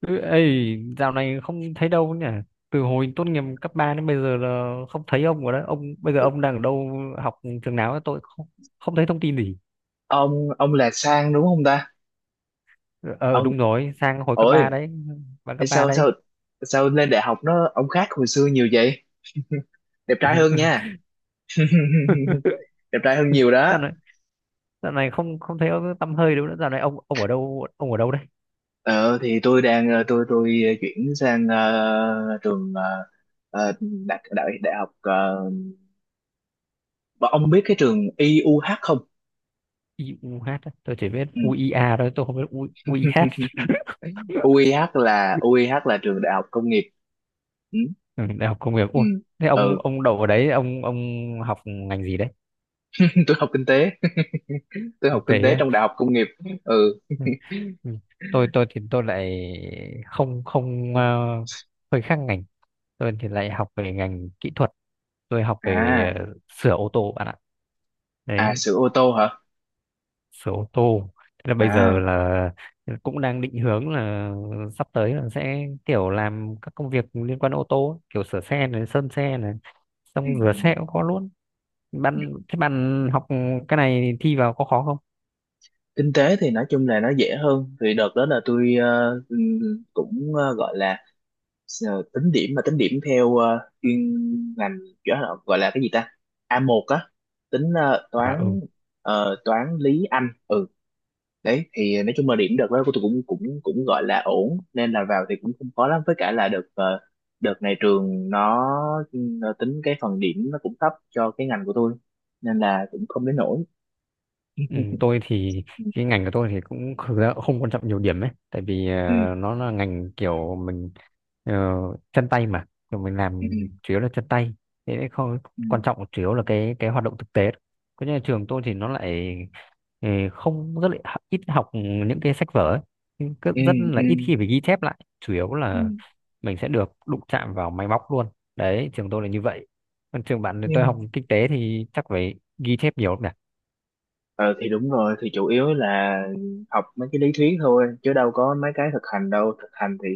Ừ, ấy dạo này không thấy đâu nhỉ, từ hồi tốt nghiệp cấp 3 đến bây giờ là không thấy ông rồi đấy. Ông bây giờ ông đang ở đâu, học trường nào ấy? Tôi không không thấy thông tin gì. Ông là Sang đúng không ta? Ờ, Ông. đúng rồi, Sang hồi cấp 3 Ôi. đấy, bạn Thế cấp 3 sao đấy. sao sao lên đại học nó ông khác hồi xưa nhiều vậy? Đẹp trai hơn nha. Đẹp trai hơn nhiều đó. dạo này dạo này không không thấy ông tăm hơi đâu nữa. Dạo này ông ở đâu, ông ở đâu đấy? Ờ thì tôi đang tôi chuyển sang trường ờ, đại đại đại học ông biết cái trường i u IUH không? IUH á. Tôi chỉ biết Ừ. UIA thôi, tôi không biết UIH. UIH là u i UIH là trường đại học công nghiệp. Ừ. Ừ, đại học công nghiệp, Ừ. ôi thế ông Ừ. ông đậu ở đấy, ông học ngành gì đấy? Tôi học kinh tế. Tôi Kinh học tế kinh tế á. trong đại học công nghiệp. Ừ. Ừ. Ừ. Tôi thì tôi lại không không, hơi khác ngành. Tôi thì lại học về ngành kỹ thuật. Tôi học về À. Sửa ô tô, bạn ạ. À, Đấy, sửa ô tô hả? sửa ô tô, thế là bây giờ À. là cũng đang định hướng là sắp tới là sẽ kiểu làm các công việc liên quan đến ô tô ấy, kiểu sửa xe này, sơn xe này, Ừ. xong rửa xe cũng có luôn. Bạn, thế bạn học cái này thi vào có khó không? Kinh tế thì nói chung là nó dễ hơn. Thì đợt đó là tôi cũng gọi là tính điểm, mà tính điểm theo chuyên ngành, kiểu là gọi là cái gì ta, a một á, tính À, ừ. toán, toán lý Anh. Ừ. Đấy, thì nói chung là điểm đợt đó của tôi cũng cũng cũng gọi là ổn nên là vào thì cũng không khó lắm, với cả là đợt đợt này trường nó tính cái phần điểm nó cũng thấp cho cái ngành của tôi nên là cũng không đến nỗi. Ừ, tôi thì Ừ. cái ngành của tôi thì cũng thực ra cũng không quan trọng nhiều điểm ấy, tại vì Ừ. Nó là ngành kiểu mình, ờ, chân tay mà, kiểu mình làm Ừ. chủ yếu là chân tay, thế nên không quan Ừ. trọng, chủ yếu là cái hoạt động thực tế. Có, nhà trường tôi thì nó lại, không, rất là ít học những cái sách vở ấy. Nhưng cứ Ừ. rất Ừ. là ít khi phải ghi chép lại, chủ yếu Ừ. là mình sẽ được đụng chạm vào máy móc luôn. Đấy, trường tôi là như vậy. Còn trường bạn thì, tôi Nhưng học kinh tế thì chắc phải ghi chép nhiều lắm nhỉ? ờ, thì đúng rồi, thì chủ yếu là học mấy cái lý thuyết thôi chứ đâu có mấy cái thực hành đâu. Thực hành thì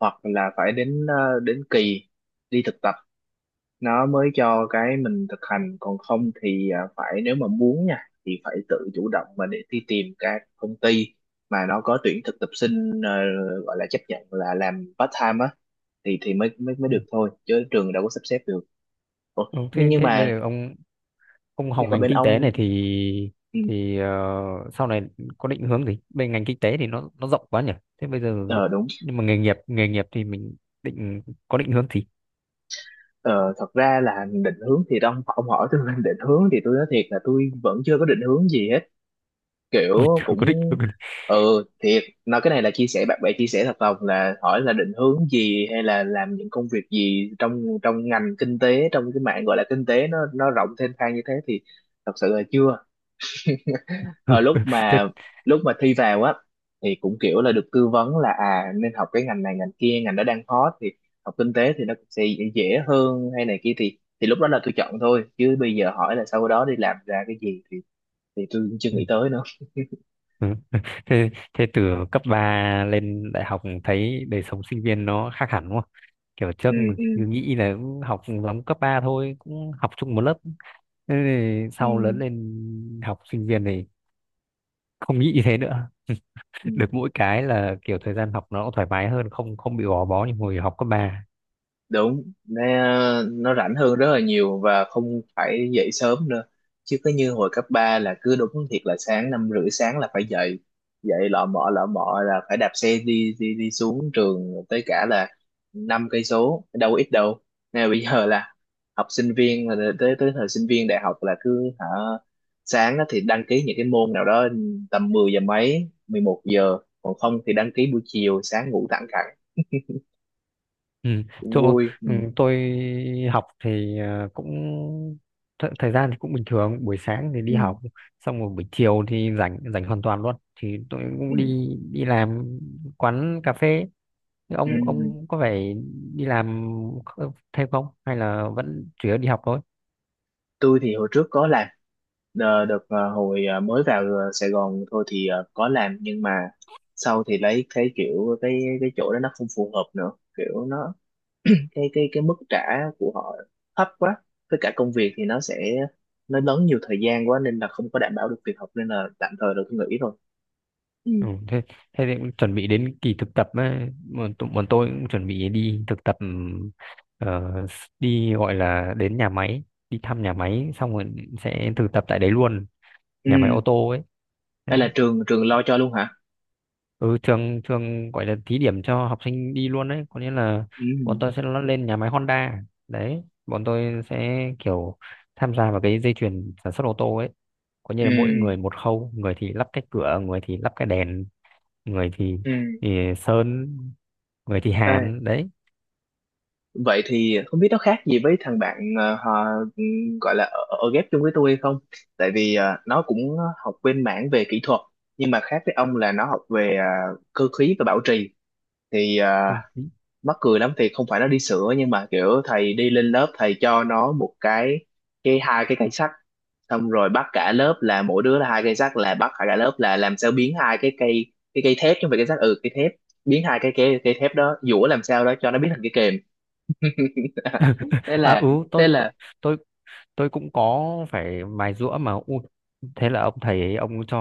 hoặc là phải đến đến kỳ đi thực nó mới cho cái mình thực hành, còn không thì à, phải nếu mà muốn nha thì phải tự chủ động mà để đi tìm các công ty mà nó có tuyển thực tập sinh, gọi là chấp nhận là làm part time á, thì mới mới mới được thôi chứ trường đâu có sắp xếp được. Ủa. Ừ, nhưng thế, nhưng thế bây mà giờ ông học nhưng mà ngành bên kinh tế ông, này thì ừ, thì ờ, sau này có định hướng gì? Bên ngành kinh tế thì nó rộng quá nhỉ. Thế bây giờ, ờ đúng. nhưng mà nghề nghiệp thì mình định có định hướng gì? Ờ, Thật ra là định hướng thì ông hỏi tôi về định hướng thì tôi nói thiệt là tôi vẫn chưa có định hướng gì hết, Ui, kiểu chưa có định cũng. hướng. Ừ, thiệt nói cái này là chia sẻ bạn bè chia sẻ thật lòng là hỏi là định hướng gì hay là làm những công việc gì trong trong ngành kinh tế, trong cái mạng gọi là kinh tế nó rộng thênh thang như thế thì thật sự là chưa. Hồi Thế lúc mà thi vào á thì cũng kiểu là được tư vấn là à nên học cái ngành này ngành kia, ngành đó đang hot thì học kinh tế thì nó cũng sẽ dễ hơn hay này kia, thì lúc đó là tôi chọn thôi chứ bây giờ hỏi là sau đó đi làm ra cái gì thì tôi cũng chưa nghĩ tới nữa. ừ, thế thế từ cấp 3 lên đại học thấy đời sống sinh viên nó khác hẳn đúng không? Kiểu trước Ừ. Ừ. cứ nghĩ là cũng học giống cấp 3 thôi, cũng học chung một lớp. Thế thì Ừ. sau lớn lên học sinh viên thì không nghĩ như thế nữa, Ừ. được mỗi cái là kiểu thời gian học nó cũng thoải mái hơn, không không bị gò bó như hồi học cấp ba. Đúng, nó rảnh hơn rất là nhiều và không phải dậy sớm nữa, chứ cứ như hồi cấp 3 là cứ đúng thiệt là sáng năm rưỡi sáng là phải dậy, dậy lọ mọ là phải đạp xe đi đi đi xuống trường tới cả là năm cây số đâu có ít đâu. Nên là bây giờ là học sinh viên là tới tới thời sinh viên đại học là cứ hả, sáng á thì đăng ký những cái môn nào đó tầm 10 giờ mấy, 11 giờ, còn không thì đăng ký buổi chiều, sáng ngủ thẳng cẳng Ừ. cũng Chỗ, vui. ừ, tôi học thì cũng thời gian thì cũng bình thường, buổi sáng thì đi Ừ. học xong rồi, buổi chiều thì rảnh, rảnh hoàn toàn luôn, thì tôi Ừ. cũng đi đi làm quán cà phê. Thế Ừ. ông có phải đi làm thêm không hay là vẫn chủ yếu đi học thôi? Tôi thì hồi trước có làm. Đợt hồi mới vào Sài Gòn thôi thì có làm, nhưng mà sau thì lấy cái kiểu cái chỗ đó nó không phù hợp nữa, kiểu nó cái mức trả của họ thấp quá, với cả công việc thì nó sẽ lớn nhiều thời gian quá nên là không có đảm bảo được việc học nên là tạm thời là tôi nghỉ rồi. Ừ. Ừ, thế, thế thì cũng chuẩn bị đến kỳ thực tập ấy. Bọn tôi cũng chuẩn bị đi thực tập, đi gọi là đến nhà máy, đi thăm nhà máy xong rồi sẽ thực tập tại đấy luôn, nhà Ừ, máy ô tô ấy hay là đấy. trường trường lo cho luôn hả? Ừ, trường trường gọi là thí điểm cho học sinh đi luôn đấy, có nghĩa là Ừ. bọn tôi sẽ lên nhà máy Honda. Đấy, bọn tôi sẽ kiểu tham gia vào cái dây chuyền sản xuất ô tô ấy, có nghĩa là mỗi Ừ. người một khâu, người thì lắp cái cửa, người thì lắp cái đèn, người thì, Ừ. thì Sơn, người thì Ê, Hàn đấy. vậy thì không biết nó khác gì với thằng bạn họ gọi là ở, ở ghép chung với tôi hay không? Tại vì nó cũng học bên mảng về kỹ thuật, nhưng mà khác với ông là nó học về cơ khí và bảo trì thì mắc cười lắm, thì không phải nó đi sửa nhưng mà kiểu thầy đi lên lớp thầy cho nó một cái hai cái cây sắt, xong rồi bắt cả lớp là mỗi đứa là hai cây sắt, là bắt cả lớp là làm sao biến hai cái cây, cái cây thép chứ không phải cây sắt, ừ cây thép, biến hai cái cây cây thép đó dũa làm sao đó cho nó biến thành cái kềm. Thế À, ừ, là, thế là tôi tôi cũng có phải mài giũa mà. Ui, thế là ông thầy ấy, ông cho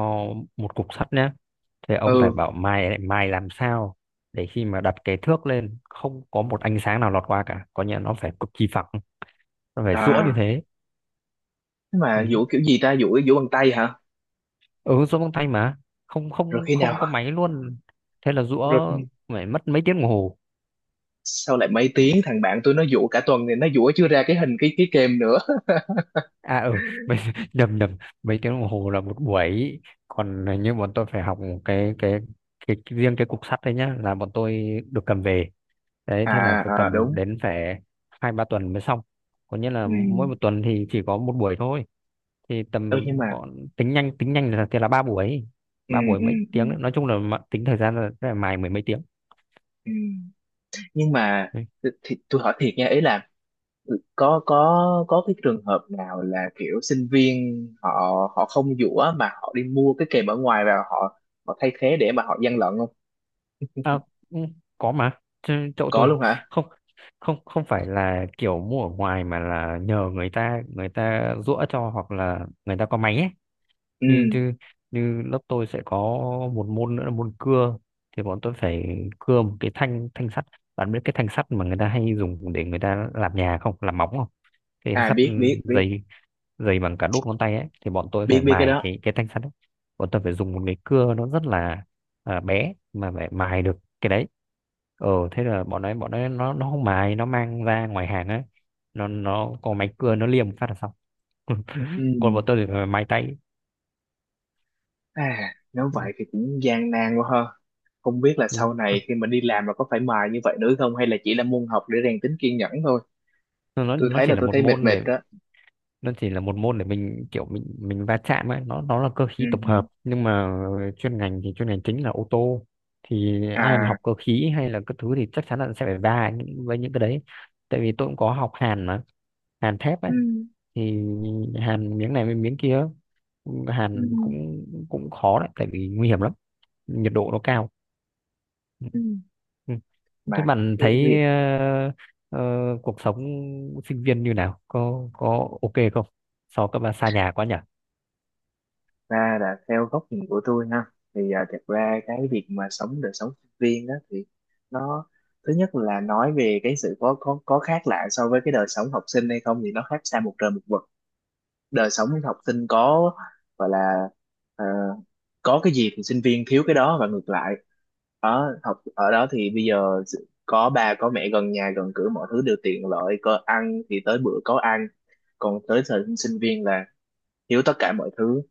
một cục sắt nhá, thế ông phải ừ bảo mài lại, mài làm sao để khi mà đặt cái thước lên không có một ánh sáng nào lọt qua cả, có nghĩa là nó phải cực kỳ phẳng, nó phải giũa như à, thế. thế Ừ, mà vũ kiểu gì ta, vũ vũ bằng tay hả? ừ giũa bằng tay mà, không Rồi không khi không nào, có máy luôn, thế là giũa rồi khi- phải mất mấy tiếng đồng hồ. sau lại mấy Ừ, tiếng, thằng bạn tôi nó vũ cả tuần thì nó vũ chưa ra cái hình cái kem nữa. à ừ, mấy, nhầm, nhầm, mấy tiếng đồng hồ là một buổi. Còn như bọn tôi phải học cái cái cái riêng, cái cục sắt đấy nhá, là bọn tôi được cầm về. Đấy, thế là À, phải à cầm đúng. đến, phải hai ba tuần mới xong, có nghĩa là Ừ. mỗi một tuần thì chỉ có một buổi thôi, thì Ừ, tầm nhưng mà còn, tính nhanh là thì là ba buổi, ừ, ba buổi ừ, mấy ừ, tiếng đấy. Nói chung là tính thời gian là mài mười mấy tiếng. ừ. Nhưng mà thì tôi hỏi thiệt nha, ý là có cái trường hợp nào là kiểu sinh viên họ họ không vũ mà họ đi mua cái kèm ở ngoài và họ họ thay thế để mà họ gian lận không? À, ừ, có mà. Chứ chỗ Có tôi luôn hả? không không không phải là kiểu mua ở ngoài mà là nhờ người ta giũa cho, hoặc là người ta có máy ấy. như Ừ. như như lớp tôi sẽ có một môn nữa là môn cưa, thì bọn tôi phải cưa một cái thanh thanh sắt. Bạn biết cái thanh sắt mà người ta hay dùng để người ta làm nhà không, làm móng không, cái À sắt biết, dày, dày bằng cả đốt ngón tay ấy, thì bọn tôi biết phải biết cái mài đó. cái thanh sắt ấy. Bọn tôi phải dùng một cái cưa nó rất là, bé, mà phải mài được cái đấy. Ờ, thế là bọn ấy nó không mài, nó mang ra ngoài hàng ấy, nó có máy cưa, nó liềm phát là xong. Ừ. Còn bọn tôi thì phải mài tay. À nếu vậy thì cũng gian nan quá ha, không biết là Ừ. sau này khi mà đi làm là có phải mài như vậy nữa không hay là chỉ là môn học để rèn tính kiên nhẫn thôi. nó Tôi nó thấy chỉ là là tôi một thấy mệt môn mệt để, đó. nó chỉ là một môn để mình kiểu, mình va chạm ấy, nó là cơ Ừ. khí tổng hợp, nhưng mà chuyên ngành thì chuyên ngành chính là ô tô, thì ai mà À học cơ khí hay là các thứ thì chắc chắn là sẽ phải va với những cái đấy. Tại vì tôi cũng có học hàn mà, hàn thép ấy, ừ. thì hàn miếng này với miếng kia, Ừ. hàn cũng cũng khó đấy, tại vì nguy hiểm lắm, nhiệt độ nó cao. Ừ, Ừ. ừ. Thế Mà bạn cái thấy việc, ờ, cuộc sống sinh viên như nào? Có ok không? So cấp ba xa nhà quá nhỉ? ra là theo góc nhìn của tôi ha, thì à, thật ra cái việc mà sống đời sống sinh viên đó thì nó, thứ nhất là nói về cái sự có khác lạ so với cái đời sống học sinh hay không thì nó khác xa một trời một vực. Đời sống học sinh có, gọi là ờ, có cái gì thì sinh viên thiếu cái đó và ngược lại, ở học ở đó thì bây giờ sự- có ba có mẹ gần nhà gần cửa mọi thứ đều tiện lợi, có ăn thì tới bữa có ăn, còn tới thời sinh viên là thiếu tất cả mọi thứ,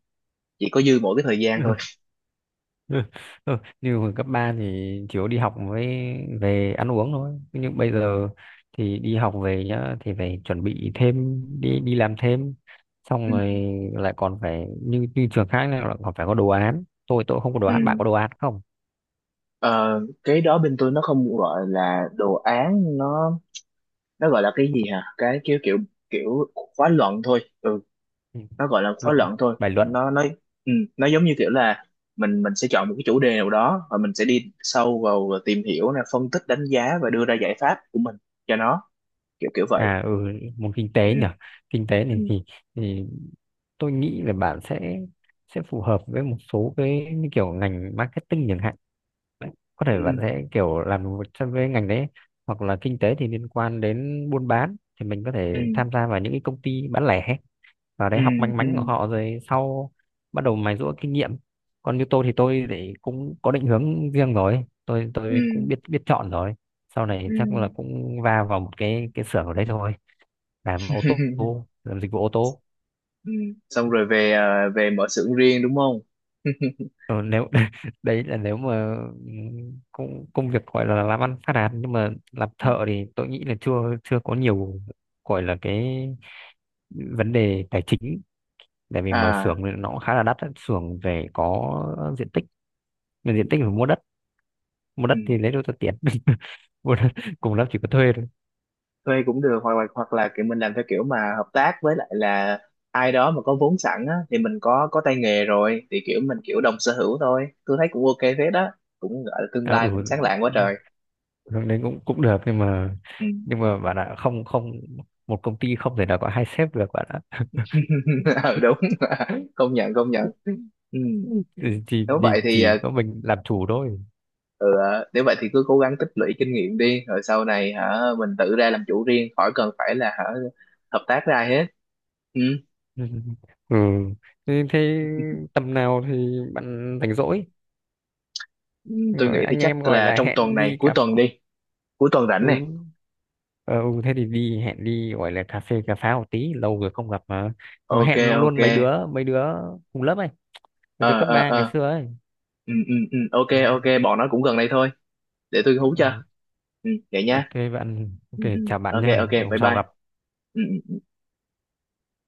chỉ có dư mỗi cái thời gian thôi. Ừ, ừ, như hồi cấp ba thì chủ yếu đi học với về ăn uống thôi, nhưng bây giờ thì đi học về nhá thì phải chuẩn bị thêm, đi đi làm thêm, xong Ừ. rồi lại còn phải như như trường khác này lại còn phải có đồ án. Tôi không có đồ Ừ. án, bạn có đồ án không? Ờ, cái đó bên tôi nó không gọi là đồ án, nó gọi là cái gì hả, cái kiểu kiểu kiểu khóa luận thôi. Ừ, Ừ, nó gọi là khóa luận, luận thôi, bài luận. nó ừ, nó giống như kiểu là mình sẽ chọn một cái chủ đề nào đó và mình sẽ đi sâu vào và tìm hiểu nè, phân tích đánh giá và đưa ra giải pháp của mình cho nó, kiểu kiểu vậy. À ừ, môn kinh Ừ. tế nhỉ. Kinh tế này Ừ. thì tôi nghĩ là bạn sẽ phù hợp với một số cái như kiểu ngành marketing chẳng hạn. Đấy, có thể bạn Ừ. sẽ kiểu làm một trong cái ngành đấy, hoặc là kinh tế thì liên quan đến buôn bán thì mình có thể Ừ. tham gia vào những cái công ty bán lẻ, vào Ừ. đấy học manh Ừ. mánh của họ rồi sau bắt đầu mài giũa kinh nghiệm. Còn như tôi thì cũng có định hướng riêng rồi. Tôi Ừ. tôi cũng biết biết chọn rồi. Sau này Ừ. chắc là cũng va vào một cái xưởng ở đấy thôi, làm ô tô, làm dịch vụ ô tô. Ừ. Xong rồi về à, về mở xưởng riêng đúng không? Ờ, nếu đấy là nếu mà, ừ, công công việc gọi là làm ăn phát đạt, nhưng mà làm thợ thì tôi nghĩ là chưa chưa có nhiều, gọi là cái vấn đề tài chính. Tại vì mở À xưởng thì nó cũng khá là đắt á. Xưởng phải có diện tích, mà diện tích phải mua đất, mua ừ. đất thì lấy đâu ra tiền? Mua đất, cùng lắm chỉ có thuê thôi. Thuê cũng được, hoặc là kiểu mình làm theo kiểu mà hợp tác với lại là ai đó mà có vốn sẵn á, thì mình có tay nghề rồi thì kiểu mình kiểu đồng sở hữu thôi, tôi thấy cũng ok phết đó, cũng gọi là tương À, lai cũng sáng ừ, lạng quá trời. hướng đấy cũng cũng được, nhưng mà Ừ. nhưng mà bạn ạ, không không một công ty không thể nào có hai sếp được bạn. Ừ đúng. Công nhận, công nhận. Ừ. thì, thì, Nếu vậy thì thì chỉ có mình làm chủ thôi. ừ, nếu vậy thì cứ cố gắng tích lũy kinh nghiệm đi rồi sau này hả mình tự ra làm chủ riêng, khỏi cần phải là hả hợp tác với ai hết. Ừ. Ừ. Thế, thế tầm nào thì bạn rảnh rỗi, Ừ, tôi nghĩ rồi thì anh em chắc gọi là là trong tuần hẹn này, đi cuối cà. tuần đi, cuối tuần rảnh này. Ừ. Ờ, ừ thế thì đi hẹn đi gọi là cà phê cà pháo một tí, lâu rồi không gặp mà, còn Ok. hẹn Ok. luôn mấy đứa cùng lớp ấy, mấy đứa Ờ cấp ờ 3 ngày ờ. xưa ấy. Ừ ừ ừ. Ok. Ừ. Ok, bọn nó cũng gần đây thôi, để tôi hú cho. Ừ. Ừ vậy Ok nha. bạn, ok, Ừ ừ. chào bạn Ok nhá, ok, hôm bye sau bye. gặp. Ừ ừ.